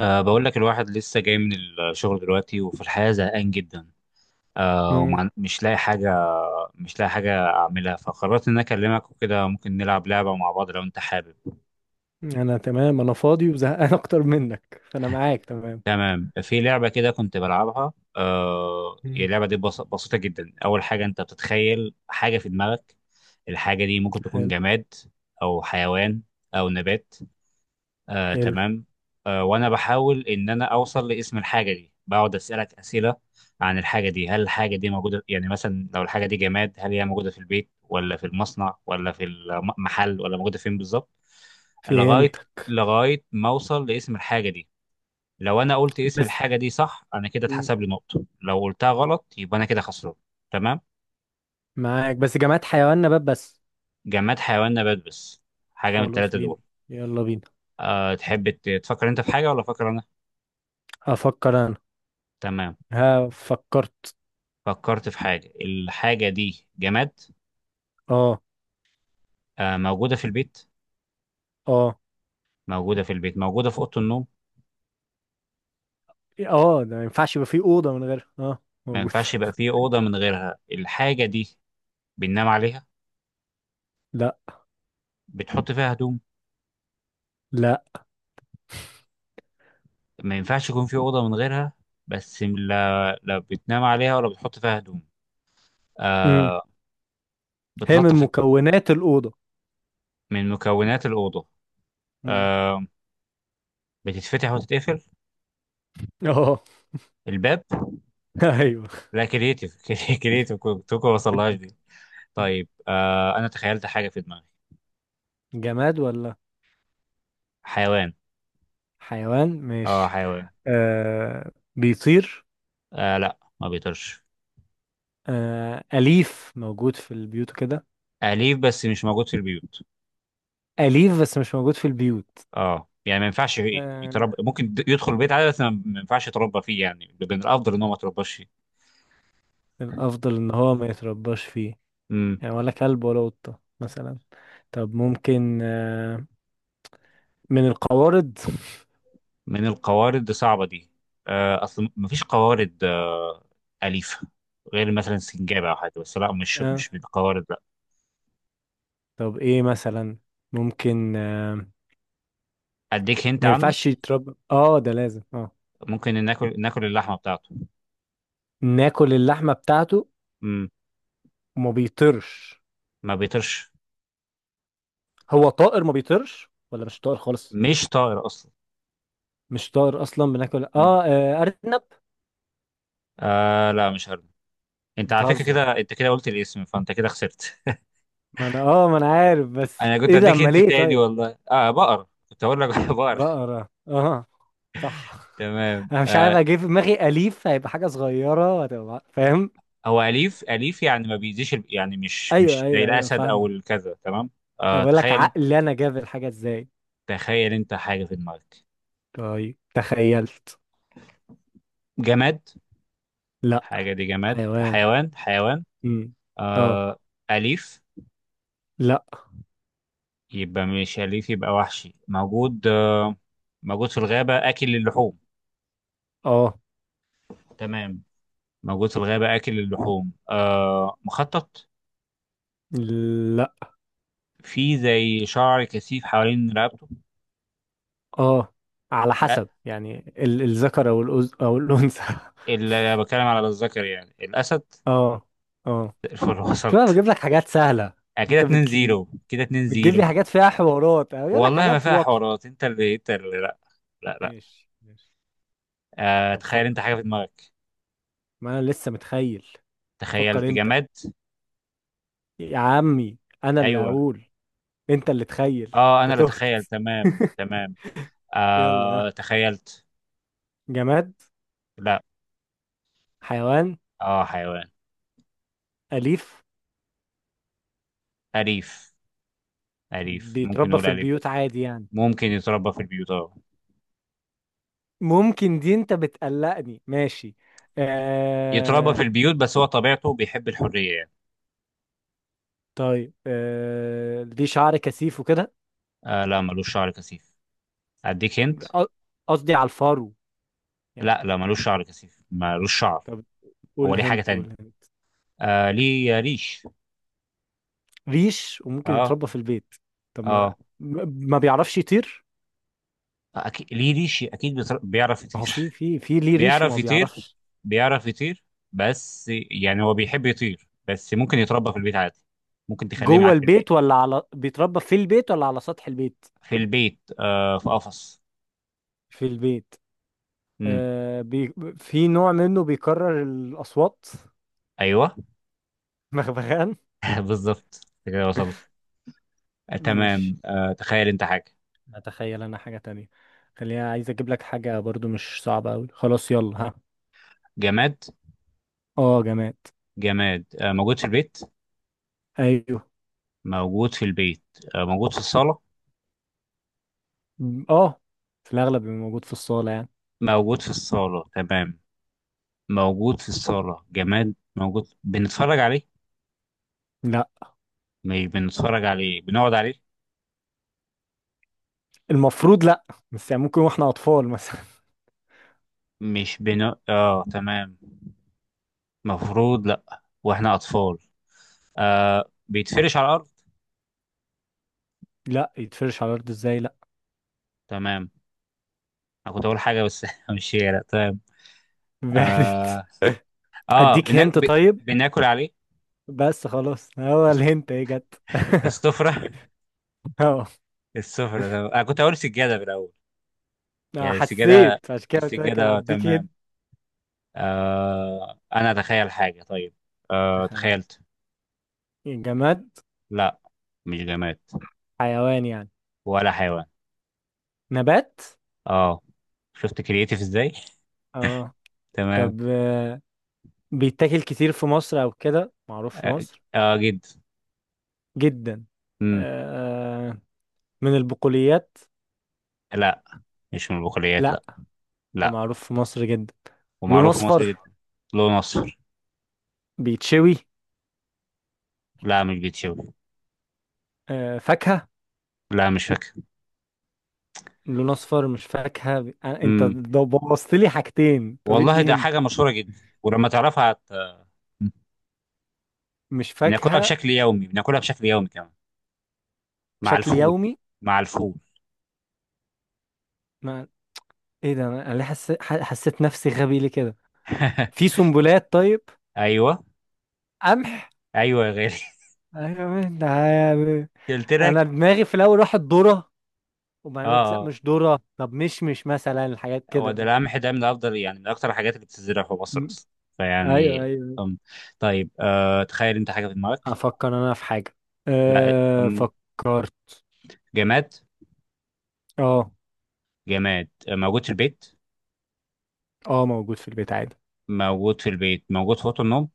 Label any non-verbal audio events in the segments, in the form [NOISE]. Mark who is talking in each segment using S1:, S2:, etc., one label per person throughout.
S1: بقول لك الواحد لسه جاي من الشغل دلوقتي، وفي الحياة زهقان جدا. أه
S2: مم.
S1: ومش لاقي حاجة مش لاقي حاجة أعملها، فقررت إن أنا أكلمك وكده ممكن نلعب لعبة مع بعض لو أنت حابب.
S2: انا تمام، انا فاضي وزهقان [LAUGHS] اكتر منك، فانا معاك تمام.
S1: تمام، في لعبة كده كنت بلعبها. هي
S2: مم.
S1: اللعبة دي بس بسيطة جدا. أول حاجة، أنت بتتخيل حاجة في دماغك. الحاجة دي ممكن تكون
S2: حلو.
S1: جماد أو حيوان أو نبات. آه
S2: حلو.
S1: تمام. وانا بحاول ان انا اوصل لاسم الحاجه دي. بقعد اسالك اسئله عن الحاجه دي. هل الحاجه دي موجوده؟ يعني مثلا لو الحاجه دي جماد، هل هي موجوده في البيت ولا في المصنع ولا في المحل، ولا موجوده فين بالظبط؟ لغايه
S2: فهمتك
S1: لغايه ما اوصل لاسم الحاجه دي. لو انا قلت اسم
S2: بس.
S1: الحاجه دي صح، انا كده
S2: مم.
S1: اتحسب لي نقطه. لو قلتها غلط، يبقى انا كده خسران. تمام.
S2: معاك، بس جماعة حيوان نبات بس.
S1: جماد، حيوان، نبات بس. حاجه من
S2: خلاص،
S1: الثلاثه
S2: مين؟
S1: دول.
S2: يلا بينا.
S1: أه، تحب تفكر انت في حاجه ولا افكر انا؟
S2: افكر انا.
S1: تمام.
S2: ها، فكرت.
S1: فكرت في حاجة. الحاجة دي جماد.
S2: اه.
S1: آه. موجودة في البيت.
S2: اه.
S1: موجودة في البيت. موجودة في أوضة النوم.
S2: اه، ده ما ينفعش يبقى فيه اوضة من غير
S1: ما
S2: موجود
S1: ينفعش يبقى
S2: [LAUGHS]
S1: في أوضة من غيرها الحاجة دي. بننام عليها؟
S2: لا،
S1: بتحط فيها هدوم؟
S2: لا.
S1: ما ينفعش يكون في أوضة من غيرها. بس لا، لا بتنام عليها ولا بتحط فيها هدوم.
S2: مم.
S1: آه.
S2: هي من
S1: بتلطف.
S2: مكونات الأوضة.
S1: من مكونات الأوضة.
S2: مم.
S1: آه. بتتفتح وتتقفل.
S2: اه.
S1: الباب.
S2: [LAUGHS] ايوه.
S1: لا كرييتيف [LAUGHS] كرييتيف، كنت ما وصلهاش دي. طيب، آه أنا تخيلت حاجة في دماغي.
S2: جماد ولا
S1: حيوان.
S2: حيوان؟
S1: اه
S2: ماشي.
S1: حيوان.
S2: بيطير؟
S1: آه، لا ما بيطيرش.
S2: آه، أليف موجود في البيوت وكده؟
S1: أليف بس مش موجود في البيوت.
S2: أليف بس مش موجود في البيوت؟
S1: اه، يعني ما ينفعش
S2: آه،
S1: يتربى. ممكن يدخل البيت عادي، بس ما ينفعش يتربى فيه. يعني من الأفضل إن هو ما يترباش فيه.
S2: الأفضل إن هو ما يترباش فيه.
S1: مم.
S2: يعني ولا كلب ولا قطة مثلا؟ طب، ممكن من القوارض؟
S1: من القوارض. دي صعبة دي. آه، أصل ما فيش قوارض آه أليفة، غير مثلا سنجابة أو حاجة. بس لا، مش
S2: آه.
S1: مش من القوارض، لا.
S2: طب، إيه مثلا؟ ممكن
S1: أديك هنت
S2: ما
S1: عنه.
S2: ينفعش يتربى، ده لازم
S1: ممكن ناكل اللحمة بتاعته.
S2: ناكل اللحمة بتاعته؟
S1: مم.
S2: وما بيطيرش؟
S1: ما بيطيرش.
S2: هو طائر ما بيطيرش ولا مش طائر خالص؟
S1: مش طائر أصلا.
S2: مش طائر أصلا، بناكل
S1: مم.
S2: أرنب.
S1: آه، لا مش هرمي. أنت على فكرة
S2: بتهزر؟
S1: كده أنت كده قلت الاسم، فأنت كده خسرت.
S2: ما انا عارف، بس
S1: انا كنت
S2: ايه ده؟
S1: اديك
S2: اما
S1: انت
S2: ليه
S1: تاني،
S2: طيب.
S1: والله. اه بقر، كنت اقول لك [LAUGHS] بقر.
S2: بقرة، اه. صح. [LAUGHS]
S1: تمام
S2: انا مش عارف
S1: آه.
S2: اجيب في دماغي، اليف هيبقى حاجة صغيرة وهتبقى فاهم.
S1: هو اليف، اليف يعني ما بيأذيش، يعني مش
S2: ايوه،
S1: مش زي
S2: ايوه، ايوه،
S1: الاسد او
S2: فاهمة.
S1: الكذا. تمام.
S2: انا
S1: آه،
S2: بقول لك عقلي انا جاب الحاجة ازاي.
S1: تخيل انت حاجه في دماغك.
S2: طيب، تخيلت.
S1: جماد؟
S2: لا.
S1: حاجه دي جماد
S2: حيوان.
S1: حيوان. حيوان.
S2: امم. اه.
S1: آه. اليف؟
S2: لا.
S1: يبقى مش اليف، يبقى وحشي. موجود آه، موجود في الغابه، اكل اللحوم.
S2: اه.
S1: تمام. موجود في الغابه، اكل اللحوم. آه، مخطط.
S2: لا.
S1: في زي شعر كثيف حوالين رقبته.
S2: اه. على
S1: لا،
S2: حسب، يعني الذكر او او الانثى [LAUGHS]
S1: اللي بتكلم على الذكر يعني الاسد.
S2: اه. اه.
S1: الفل [LAUGHS]
S2: شوف،
S1: وصلت.
S2: انا بجيب لك حاجات سهلة.
S1: كده
S2: انت
S1: 2 0، كده 2
S2: بتجيب لي
S1: 0.
S2: حاجات فيها حوارات أو يقول لك
S1: والله ما
S2: حاجات
S1: فيها
S2: واضحة.
S1: حوارات. انت اللي، لا، لا، لا.
S2: ماشي، ماشي.
S1: آه،
S2: طب،
S1: تخيل انت
S2: فكر.
S1: حاجه في دماغك.
S2: ما أنا لسه متخيل. فكر
S1: تخيلت
S2: أنت.
S1: جماد.
S2: يا عمي. أنا اللي
S1: ايوه.
S2: هقول. أنت اللي تخيل.
S1: اه انا
S2: أنت
S1: اللي
S2: تهت.
S1: اتخيل، تمام
S2: [LAUGHS]
S1: تمام.
S2: يلا
S1: آه
S2: ها.
S1: تخيلت.
S2: جماد؟
S1: لا.
S2: حيوان؟
S1: اه حيوان.
S2: أليف؟
S1: اليف. اليف، ممكن
S2: بيتربى
S1: نقول
S2: في
S1: اليف.
S2: البيوت عادي يعني؟
S1: ممكن يتربى في البيوت اه.
S2: ممكن؟ دي أنت بتقلقني. ماشي.
S1: يتربى في
S2: آه...
S1: البيوت، بس هو طبيعته بيحب الحريه يعني.
S2: طيب، دي شعر كثيف وكده؟
S1: آه، لا ملوش شعر كثيف. اديك هنت.
S2: أ- قصدي على الفرو يعني.
S1: لا، لا ملوش شعر كثيف، ملوش شعر.
S2: طب،
S1: هو
S2: قول
S1: ليه حاجة
S2: هنت،
S1: تانية.
S2: قول هنت.
S1: آه، ليه ريش.
S2: ريش وممكن
S1: اه
S2: يتربى في البيت؟ طب، ما
S1: اه.
S2: ما بيعرفش يطير.
S1: أكيد ليه ريش، أكيد بيعرف
S2: ما
S1: يطير
S2: هو في
S1: [LAUGHS]
S2: في في ليه ريش
S1: بيعرف
S2: وما
S1: يطير.
S2: بيعرفش.
S1: بيعرف يطير. بس يعني هو بيحب يطير، بس ممكن يتربى في البيت عادي. ممكن تخليه
S2: جوه
S1: معاك في البيت.
S2: البيت ولا بيتربى في البيت ولا على سطح البيت؟
S1: في البيت آه، في قفص.
S2: في البيت؟
S1: امم.
S2: آه بي... في نوع منه بيكرر الأصوات.
S1: ايوه
S2: [LAUGHS] مغبغان.
S1: [LAUGHS] بالظبط. أنت كده وصلت. آه تمام.
S2: ماشي.
S1: آه، تخيل انت حاجة.
S2: اتخيل انا حاجة تانية. خليني عايز اجيب لك حاجة برضو مش صعبة اوي. خلاص، يلا ها.
S1: جماد.
S2: اه، جماد.
S1: جماد آه، موجود في البيت.
S2: ايوه.
S1: موجود في البيت. آه، موجود في الصالة.
S2: م- اه في الاغلب بيبقى موجود في الصالة يعني.
S1: موجود في الصالة تمام. موجود في الصالة، جماد موجود. بنتفرج عليه.
S2: لا،
S1: مش بنتفرج عليه، بنقعد عليه.
S2: المفروض لا. بس يعني ممكن واحنا اطفال مثلا.
S1: مش بن اه تمام. مفروض لأ. واحنا أطفال. آه، بيتفرش على الأرض.
S2: لا، يتفرش على الارض ازاي؟ لا.
S1: تمام. أنا كنت أقول حاجة بس [LAUGHS] مش هي، لأ تمام.
S2: [LAUGHS] بعدت.
S1: اه, آه
S2: اديك
S1: بنا...
S2: هنت،
S1: ب...
S2: طيب.
S1: بناكل عليه.
S2: بس خلاص، هو
S1: الس-
S2: الهنت ايه جت؟
S1: السفرة [LAUGHS]
S2: [LAUGHS] اهو.
S1: السفرة تمام. أنا كنت أقول سجادة في الأول،
S2: أنا
S1: يعني السجادة.
S2: حسيت، عشان كده قلت لك
S1: السجادة آه،
S2: اديك
S1: تمام.
S2: هنت.
S1: آه، أنا أتخيل حاجة، طيب. آه
S2: تخيل.
S1: تخيلت.
S2: جماد؟
S1: لأ، مش جماد.
S2: حيوان يعني؟
S1: ولا حيوان.
S2: نبات؟
S1: اه. شفت كرييتيف ازاي.
S2: اه.
S1: تمام.
S2: طب، بيتاكل كتير في مصر او كده معروف في
S1: اه.
S2: مصر؟
S1: آه، جدا.
S2: جدا.
S1: امم.
S2: آه، من البقوليات؟
S1: لا، مش من البقوليات،
S2: لا.
S1: لا. لا.
S2: ومعروف في مصر جدا. لون
S1: ومعروف في مصر
S2: اصفر؟
S1: جدا. له نصر.
S2: بيتشوي؟
S1: لا، مش بيتشوي.
S2: فاكهة؟
S1: لا، مش فاكر.
S2: لون اصفر مش فاكهه، انت
S1: امم.
S2: ده بوظت لي حاجتين. طب،
S1: والله
S2: ادي
S1: ده
S2: هنت.
S1: حاجه مشهوره جدا، ولما تعرفها
S2: مش
S1: بناكلها
S2: فاكهه.
S1: بشكل يومي، بناكلها بشكل يومي كمان، مع
S2: بشكل
S1: الفول.
S2: يومي؟
S1: مع الفول.
S2: ما ايه ده، انا ليه حسيت نفسي غبي ليه كده؟ في
S1: [LAUGHS]
S2: سنبلات، طيب.
S1: ايوه،
S2: قمح؟
S1: ايوه يا غالي.
S2: أيوة، يعني.
S1: [LAUGHS] قلت لك.
S2: انا دماغي في الاول راحت ذره.
S1: اه،
S2: وبعدين قلت لا
S1: اه.
S2: مش ذره، طب مش مثلا الحاجات
S1: هو
S2: كده
S1: ده
S2: بس.
S1: القمح ده من افضل، يعني من اكتر الحاجات اللي بتزرع في مصر
S2: م-
S1: اصلا.
S2: ايوه،
S1: فيعني.
S2: ايوه.
S1: أم. طيب، آه تخيل انت حاجه في دماغك.
S2: افكر انا في حاجه.
S1: لا.
S2: أه، فكرت.
S1: جماد.
S2: اه.
S1: جماد موجود في البيت.
S2: اه، موجود في البيت عادي.
S1: موجود في البيت. موجود في أوضة النوم.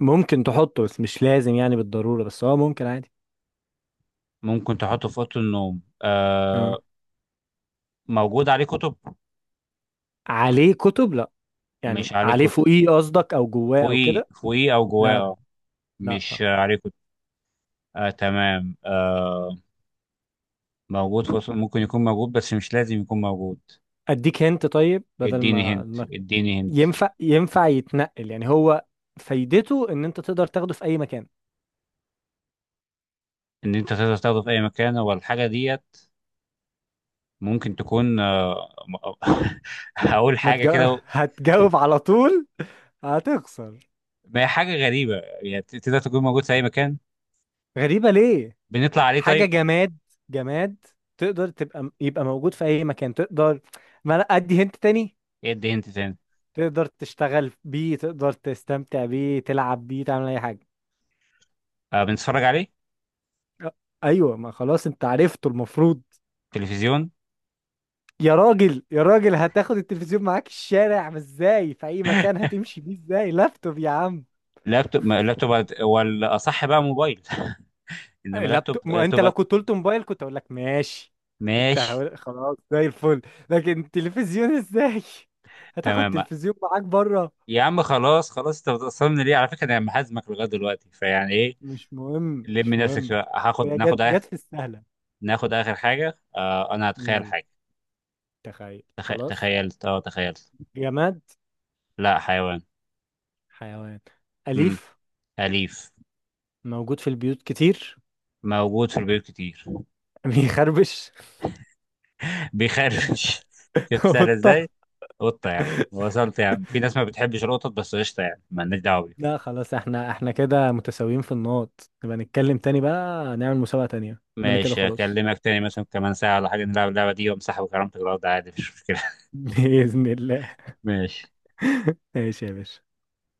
S2: ممكن تحطه بس مش لازم يعني بالضروره، بس ممكن عادي.
S1: ممكن تحطه في أوضة النوم، آه.
S2: اه.
S1: موجود عليه كتب.
S2: عليه كتب؟ لا.
S1: مش
S2: يعني
S1: عليه
S2: عليه
S1: كتب.
S2: فوقيه قصدك او جواه او
S1: فوقيه،
S2: كده؟
S1: فوقيه أو جواه،
S2: لا، لا.
S1: آه.
S2: لا، لا.
S1: مش عليه كتب. آه تمام آه. موجود في أوضة النوم. ممكن يكون موجود بس مش لازم يكون موجود.
S2: اديك هنت طيب، بدل ما ما-
S1: اديني هنت.
S2: ينفع، يتنقل يعني هو؟ فايدته ان انت تقدر تاخده في اي مكان؟
S1: ان انت تقدر تاخده في اي مكان، والحاجه ديت ممكن تكون آه، [LAUGHS] هقول
S2: ما
S1: حاجه كده.
S2: [LAUGHS] هتجاوب على طول، هتخسر.
S1: ما هي حاجه غريبه. يعني تقدر تكون موجود في اي مكان.
S2: غريبة ليه؟
S1: بنطلع عليه
S2: حاجة
S1: طيب.
S2: جماد. جماد. تقدر يبقى موجود في اي مكان، تقدر. ما لا، ادي هنت تاني.
S1: ايه، ادي انت تاني.
S2: تقدر تشتغل بيه، تقدر تستمتع بيه، تلعب بيه، تعمل اي حاجة.
S1: آه، بنتفرج عليه.
S2: أ- ايوه، ما خلاص انت عرفته المفروض.
S1: تلفزيون.
S2: يا راجل، يا راجل، هتاخد التلفزيون معاك الشارع؟ ما ازاي؟ في اي مكان هتمشي بيه ازاي؟ لابتوب يا عم.
S1: لابتوب، لابتوب. ولا اصح بقى موبايل [LAUGHS] انما لابتوب،
S2: لابتوب، ما انت
S1: لابتوب.
S2: لو كنت قلت موبايل كنت اقول لك ماشي. كنت
S1: ماشي.
S2: هقول خلاص، زي الفل. لكن تلفزيون ازاي؟ [LAUGHS] هتاخد
S1: تمام.
S2: تلفزيون معاك بره؟
S1: يا عم خلاص، خلاص. انت بتصمم ليه على فكره؟ انا محازمك لغايه دلوقتي، فيعني ايه.
S2: مش مهم،
S1: لم
S2: مش
S1: نفسك
S2: مهم.
S1: شويه.
S2: هي جت
S1: ناخد آخر.
S2: جت في السهلة.
S1: ناخد اخر حاجه. آه، انا هتخيل
S2: يلا.
S1: حاجه.
S2: تخيل خلاص.
S1: تخيلت، اه تخيلت.
S2: جماد؟
S1: لا، حيوان.
S2: حيوان؟
S1: امم.
S2: أليف؟
S1: اليف.
S2: موجود في البيوت كتير؟
S1: موجود في البيوت كتير.
S2: [LAUGHS] بيخربش؟
S1: بيخرفش [LAUGHS] شفت
S2: [LAUGHS]
S1: سهل
S2: قطة.
S1: ازاي. قطة. يعني وصلت. يعني في ناس ما بتحبش القطط، بس قشطة، يعني مالناش دعوة بيهم.
S2: لا خلاص، احنا كده متساويين في النقط، نبقى نتكلم تاني بقى، نعمل مسابقة تانية اننا كده.
S1: ماشي،
S2: خلاص.
S1: أكلمك تاني مثلا كمان ساعة ولا حاجة، نلعب اللعبة دي وأمسحها وكرامتك الأرض عادي، مفيش مشكلة.
S2: [LAUGHS] بإذن الله.
S1: [LAUGHS] ماشي.
S2: ماشي يا باشا.